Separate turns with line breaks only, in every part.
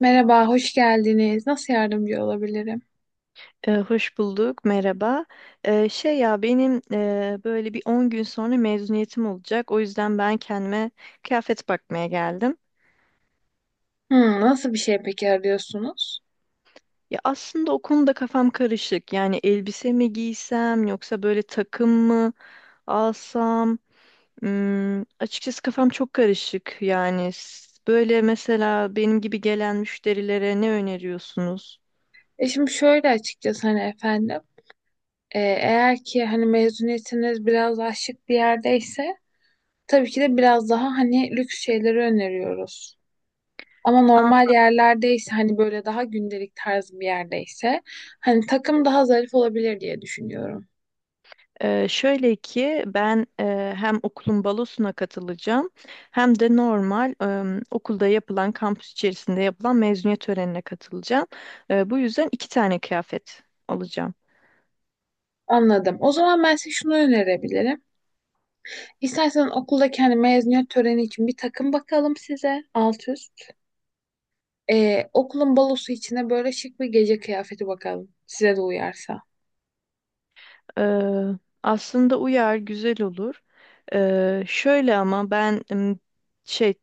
Merhaba, hoş geldiniz. Nasıl yardımcı olabilirim?
Hoş bulduk, merhaba. Şey ya benim böyle bir 10 gün sonra mezuniyetim olacak. O yüzden ben kendime kıyafet bakmaya geldim.
Hmm, nasıl bir şey peki arıyorsunuz?
Ya aslında o konuda kafam karışık. Yani elbise mi giysem yoksa böyle takım mı alsam? Açıkçası kafam çok karışık. Yani böyle mesela benim gibi gelen müşterilere ne öneriyorsunuz?
Şimdi şöyle açıkçası hani efendim, eğer ki hani mezuniyetiniz biraz daha şık bir yerdeyse tabii ki de biraz daha hani lüks şeyleri öneriyoruz. Ama normal yerlerdeyse hani böyle daha gündelik tarzı bir yerdeyse hani takım daha zarif olabilir diye düşünüyorum.
Şöyle ki ben hem okulun balosuna katılacağım hem de normal okulda yapılan kampüs içerisinde yapılan mezuniyet törenine katılacağım. Bu yüzden iki tane kıyafet alacağım.
Anladım. O zaman ben size şunu önerebilirim. İstersen okuldaki hani mezuniyet töreni için bir takım bakalım size alt üst. Okulun balosu içine böyle şık bir gece kıyafeti bakalım. Size de uyarsa.
Ee, aslında uyar, güzel olur. Şöyle ama ben şey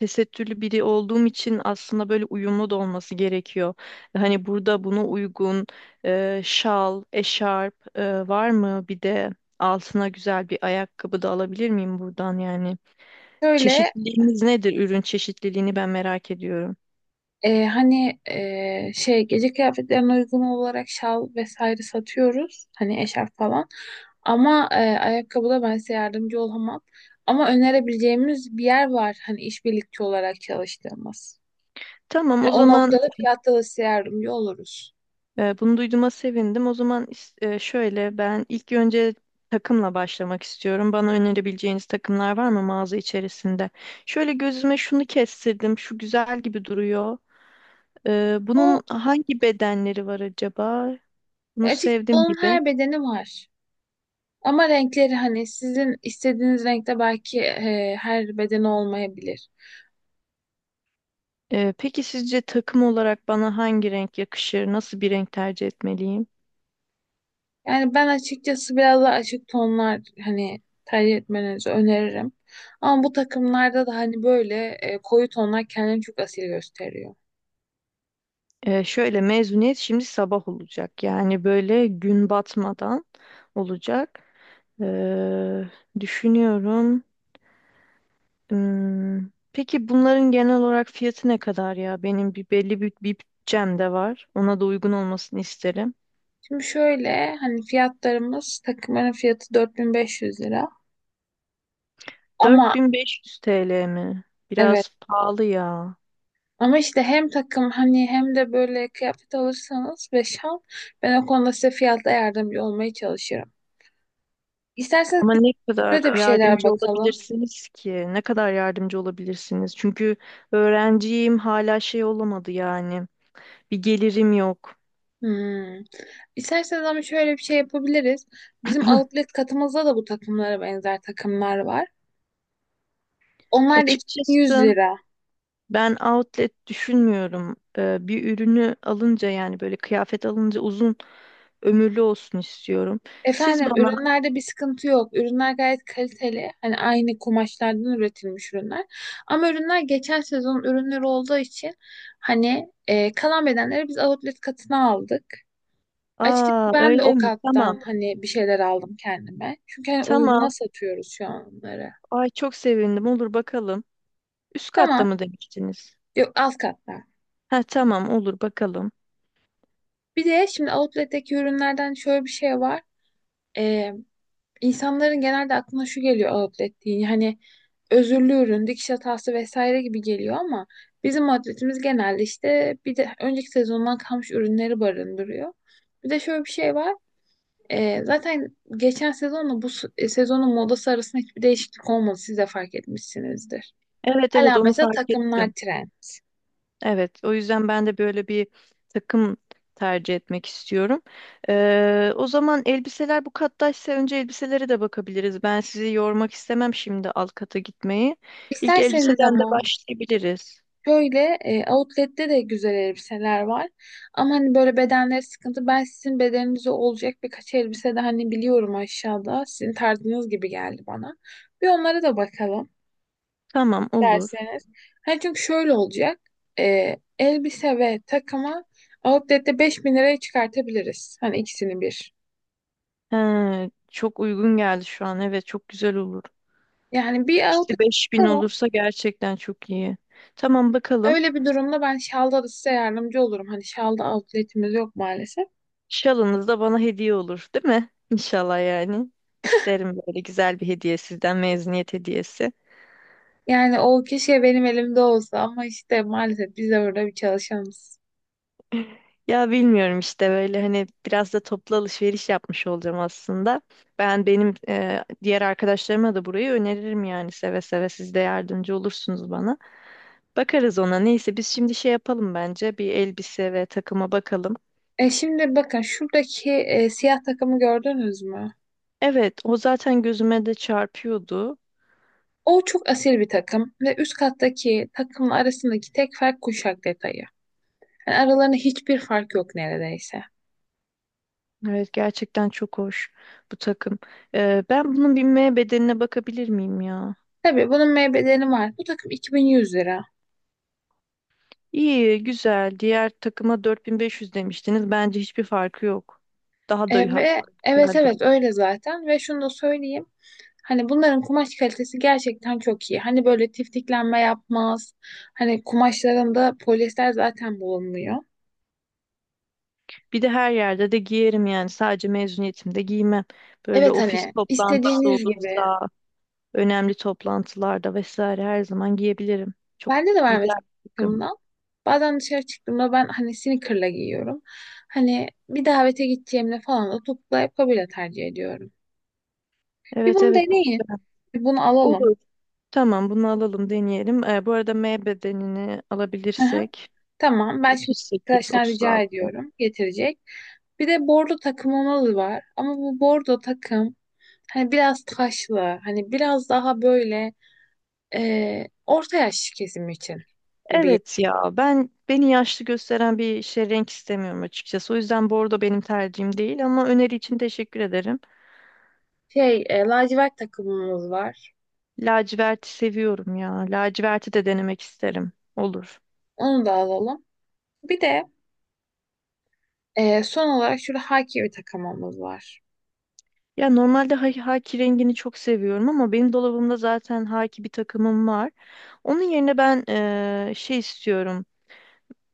tesettürlü biri olduğum için aslında böyle uyumlu da olması gerekiyor. Hani burada buna uygun şal, eşarp var mı? Bir de altına güzel bir ayakkabı da alabilir miyim buradan yani?
Şöyle
Çeşitliliğimiz nedir? Ürün çeşitliliğini ben merak ediyorum.
hani şey gece kıyafetlerine uygun olarak şal vesaire satıyoruz. Hani eşarp falan. Ama ayakkabıda ben size yardımcı olamam. Ama önerebileceğimiz bir yer var. Hani işbirlikçi olarak çalıştığımız. Hı.
Tamam,
Yani
o
o
zaman.
noktada fiyatta da size yardımcı oluruz.
Bunu duyduğuma sevindim. O zaman şöyle ben ilk önce takımla başlamak istiyorum. Bana önerebileceğiniz takımlar var mı mağaza içerisinde? Şöyle gözüme şunu kestirdim. Şu güzel gibi duruyor. Ee,
O
bunun hangi bedenleri var acaba? Bunu
açık
sevdim
onun
gibi.
her bedeni var. Ama renkleri hani sizin istediğiniz renkte belki her beden olmayabilir.
Peki sizce takım olarak bana hangi renk yakışır? Nasıl bir renk tercih etmeliyim?
Yani ben açıkçası biraz daha açık tonlar hani tercih etmenizi öneririm. Ama bu takımlarda da hani böyle koyu tonlar kendini çok asil gösteriyor.
Şöyle mezuniyet şimdi sabah olacak. Yani böyle gün batmadan olacak. Ee, Düşünüyorum. Hmm, Peki bunların genel olarak fiyatı ne kadar ya? Benim bir belli bir bütçem de var. Ona da uygun olmasını isterim.
Şimdi şöyle hani fiyatlarımız takımların fiyatı 4500 lira. Ama
4.500 TL mi?
evet,
Biraz pahalı ya.
ama işte hem takım hani hem de böyle kıyafet alırsanız ve şal ben o konuda size fiyatta yardımcı olmaya çalışırım. İsterseniz
Ama ne
şöyle
kadar
de bir şeyler
yardımcı
bakalım.
olabilirsiniz ki? Ne kadar yardımcı olabilirsiniz? Çünkü öğrenciyim, hala şey olamadı yani. Bir gelirim yok.
Hmm. İsterseniz ama şöyle bir şey yapabiliriz. Bizim outlet katımızda da bu takımlara benzer takımlar var. Onlar da 2100
Açıkçası
lira.
ben outlet düşünmüyorum. Bir ürünü alınca yani böyle kıyafet alınca uzun ömürlü olsun istiyorum. Siz
Efendim
bana.
ürünlerde bir sıkıntı yok. Ürünler gayet kaliteli. Hani aynı kumaşlardan üretilmiş ürünler. Ama ürünler geçen sezon ürünleri olduğu için hani kalan bedenleri biz outlet katına aldık. Açıkçası
Aa
ben de
öyle
o
mi? Tamam.
kattan hani bir şeyler aldım kendime. Çünkü hani uyguna
Tamam.
satıyoruz şu an onları.
Ay çok sevindim. Olur bakalım. Üst katta
Tamam.
mı demiştiniz?
Yok alt kattan.
Ha, tamam, olur bakalım.
Bir de şimdi outlet'teki ürünlerden şöyle bir şey var. İnsanların genelde aklına şu geliyor outlet deyince hani özürlü ürün, dikiş hatası vesaire gibi geliyor ama bizim outletimiz genelde işte bir de önceki sezondan kalmış ürünleri barındırıyor. Bir de şöyle bir şey var. Zaten geçen sezonla bu sezonun modası arasında hiçbir değişiklik olmadı. Siz de fark etmişsinizdir.
Evet, evet,
Hala
onu
mesela
fark
takımlar
ettim.
trend.
Evet, o yüzden ben de böyle bir takım tercih etmek istiyorum. O zaman elbiseler bu kattaysa önce elbiselere de bakabiliriz. Ben sizi yormak istemem şimdi alt kata gitmeyi. İlk
İsterseniz
elbiseden de
ama.
başlayabiliriz.
Şöyle outlet'te de güzel elbiseler var. Ama hani böyle bedenleri sıkıntı. Ben sizin bedeninize olacak birkaç elbise de hani biliyorum aşağıda. Sizin tarzınız gibi geldi bana. Bir onlara da bakalım
Tamam, olur.
derseniz. Hani çünkü şöyle olacak. Elbise ve takımı outlet'te 5000 liraya çıkartabiliriz. Hani ikisini bir.
He, çok uygun geldi şu an. Evet, çok güzel olur.
Yani bir outlet
İşte 5.000
bakalım.
olursa gerçekten çok iyi. Tamam, bakalım.
Öyle bir durumda ben şalda da size yardımcı olurum. Hani şalda outlet'imiz yok maalesef.
Şalınız da bana hediye olur, değil mi? İnşallah yani. İsterim böyle güzel bir hediye sizden, mezuniyet hediyesi.
Yani o keşke benim elimde olsa ama işte maalesef biz de burada bir çalışanız.
Ya bilmiyorum işte böyle hani biraz da toplu alışveriş yapmış olacağım aslında. Ben benim diğer arkadaşlarıma da burayı öneririm yani, seve seve siz de yardımcı olursunuz bana. Bakarız ona. Neyse biz şimdi şey yapalım bence. Bir elbise ve takıma bakalım.
Şimdi bakın şuradaki siyah takımı gördünüz mü?
Evet, o zaten gözüme de çarpıyordu.
O çok asil bir takım ve üst kattaki takımla arasındaki tek fark kuşak detayı. Yani aralarında hiçbir fark yok neredeyse.
Evet, gerçekten çok hoş bu takım. Ben bunun binmeye bedenine bakabilir miyim ya?
Tabii bunun meybeleri var. Bu takım 2100 lira.
İyi, güzel. Diğer takıma 4.500 demiştiniz. Bence hiçbir farkı yok. Daha da
Ve
hatta
evet,
güzel
evet
duruyor.
öyle zaten ve şunu da söyleyeyim. Hani bunların kumaş kalitesi gerçekten çok iyi. Hani böyle tiftiklenme yapmaz. Hani kumaşlarında polyester zaten bulunmuyor.
Bir de her yerde de giyerim yani. Sadece mezuniyetimde giymem. Böyle
Evet
ofis
hani
toplantısı
istediğiniz gibi.
olursa, önemli toplantılarda vesaire her zaman giyebilirim. Çok
Bende de var
güzel
mesela
bir takım.
takımdan. Bazen dışarı çıktığımda ben hani sneaker'la giyiyorum. Hani bir davete gideceğimde falan da topuklu ayakkabıyla tercih ediyorum. Bir
Evet,
bunu
evet, bu
deneyin.
güzel.
Bir bunu alalım.
Olur. Tamam, bunu alalım, deneyelim. Bu arada M bedenini alabilirsek
Tamam ben şimdi
38,
arkadaşlar rica
36.
ediyorum getirecek. Bir de bordo takım onalı var ama bu bordo takım hani biraz taşlı hani biraz daha böyle orta yaş kesim için gibi.
Evet ya, ben beni yaşlı gösteren bir şey renk istemiyorum açıkçası. O yüzden bordo benim tercihim değil ama öneri için teşekkür ederim.
Lacivert takımımız var
Laciverti seviyorum ya. Laciverti de denemek isterim. Olur.
onu da alalım. Bir de son olarak şurada haki bir takımımız var.
Ya normalde haki rengini çok seviyorum ama benim dolabımda zaten haki bir takımım var. Onun yerine ben şey istiyorum.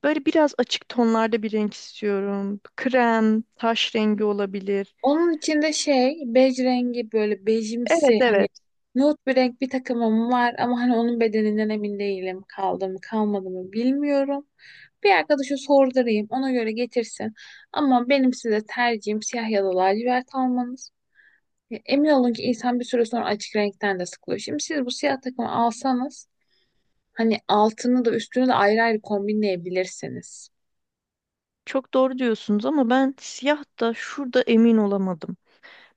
Böyle biraz açık tonlarda bir renk istiyorum. Krem, taş rengi olabilir.
Onun içinde şey bej rengi böyle bejimsi
Evet,
hani
evet.
nude bir renk bir takımım var ama hani onun bedeninden emin değilim. Kaldı mı kalmadı mı bilmiyorum. Bir arkadaşa sordurayım ona göre getirsin. Ama benim size tercihim siyah ya da lacivert almanız. Ya, emin olun ki insan bir süre sonra açık renkten de sıkılıyor. Şimdi siz bu siyah takımı alsanız hani altını da üstünü de ayrı ayrı kombinleyebilirsiniz.
Çok doğru diyorsunuz ama ben siyah da şurada emin olamadım.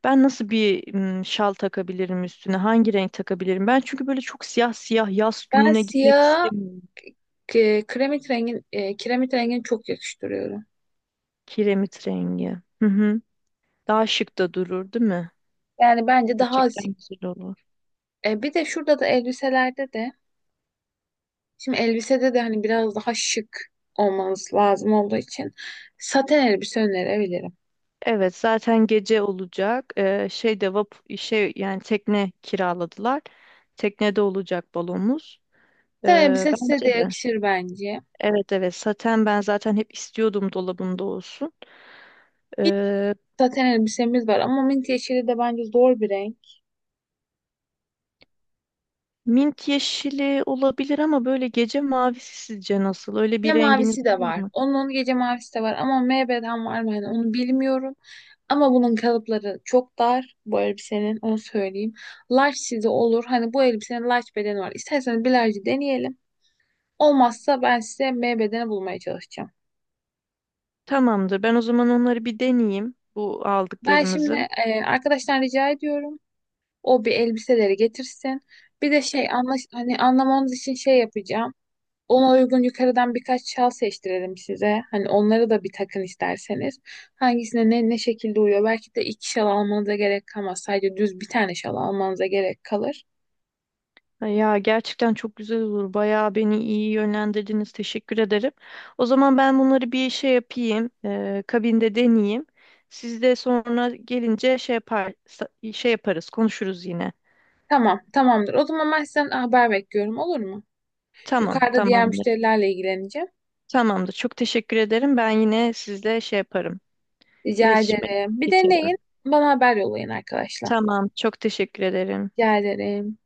Ben nasıl bir şal takabilirim üstüne? Hangi renk takabilirim? Ben çünkü böyle çok siyah siyah yaz
Ben
gününe gitmek
siyah
istemiyorum.
kiremit rengini çok yakıştırıyorum.
Kiremit rengi. Hı hı. Daha şık da durur, değil mi?
Yani bence daha
Gerçekten
asil.
güzel olur.
Bir de şurada da elbiselerde de şimdi elbisede de hani biraz daha şık olmanız lazım olduğu için saten elbise önerebilirim.
Evet, zaten gece olacak. Şeyde vap şey yani tekne kiraladılar. Teknede olacak balonumuz.
Saten elbise size
Bence
de
de.
yakışır bence.
Evet, evet, saten ben zaten hep istiyordum dolabımda olsun.
Mint
Ee,
saten elbisemiz var ama mint yeşili de bence zor bir renk.
Mint yeşili olabilir ama böyle gece mavisi sizce nasıl? Öyle
Gece
bir renginiz
mavisi de
var
var.
mı?
Onun gece mavisi de var ama MB'den var mı hani onu bilmiyorum. Ama bunun kalıpları çok dar bu elbisenin onu söyleyeyim. Large size olur. Hani bu elbisenin large bedeni var. İsterseniz bir large'ı deneyelim. Olmazsa ben size M bedeni bulmaya çalışacağım.
Tamamdır. Ben o zaman onları bir deneyeyim, bu
Ben şimdi
aldıklarımızı.
arkadaşlar rica ediyorum. O bir elbiseleri getirsin. Bir de şey anlaş hani anlamanız için şey yapacağım. Ona uygun yukarıdan birkaç şal seçtirelim size. Hani onları da bir takın isterseniz. Hangisine ne şekilde uyuyor? Belki de iki şal almanıza gerek kalmaz. Sadece düz bir tane şal almanıza gerek kalır.
Ya gerçekten çok güzel olur. Bayağı beni iyi yönlendirdiniz. Teşekkür ederim. O zaman ben bunları bir şey yapayım, kabinde deneyeyim. Siz de sonra gelince şey yapar, şey yaparız, konuşuruz yine.
Tamam, tamamdır. O zaman ben sizden haber bekliyorum, olur mu?
Tamam,
Yukarıda
tamam.
diğer müşterilerle ilgileneceğim.
Tamamdır. Çok teşekkür ederim. Ben yine sizle şey yaparım.
Rica
İletişime
ederim. Bir deneyin.
geçerim.
Bana haber yollayın arkadaşlar.
Tamam. Çok teşekkür ederim.
Rica ederim.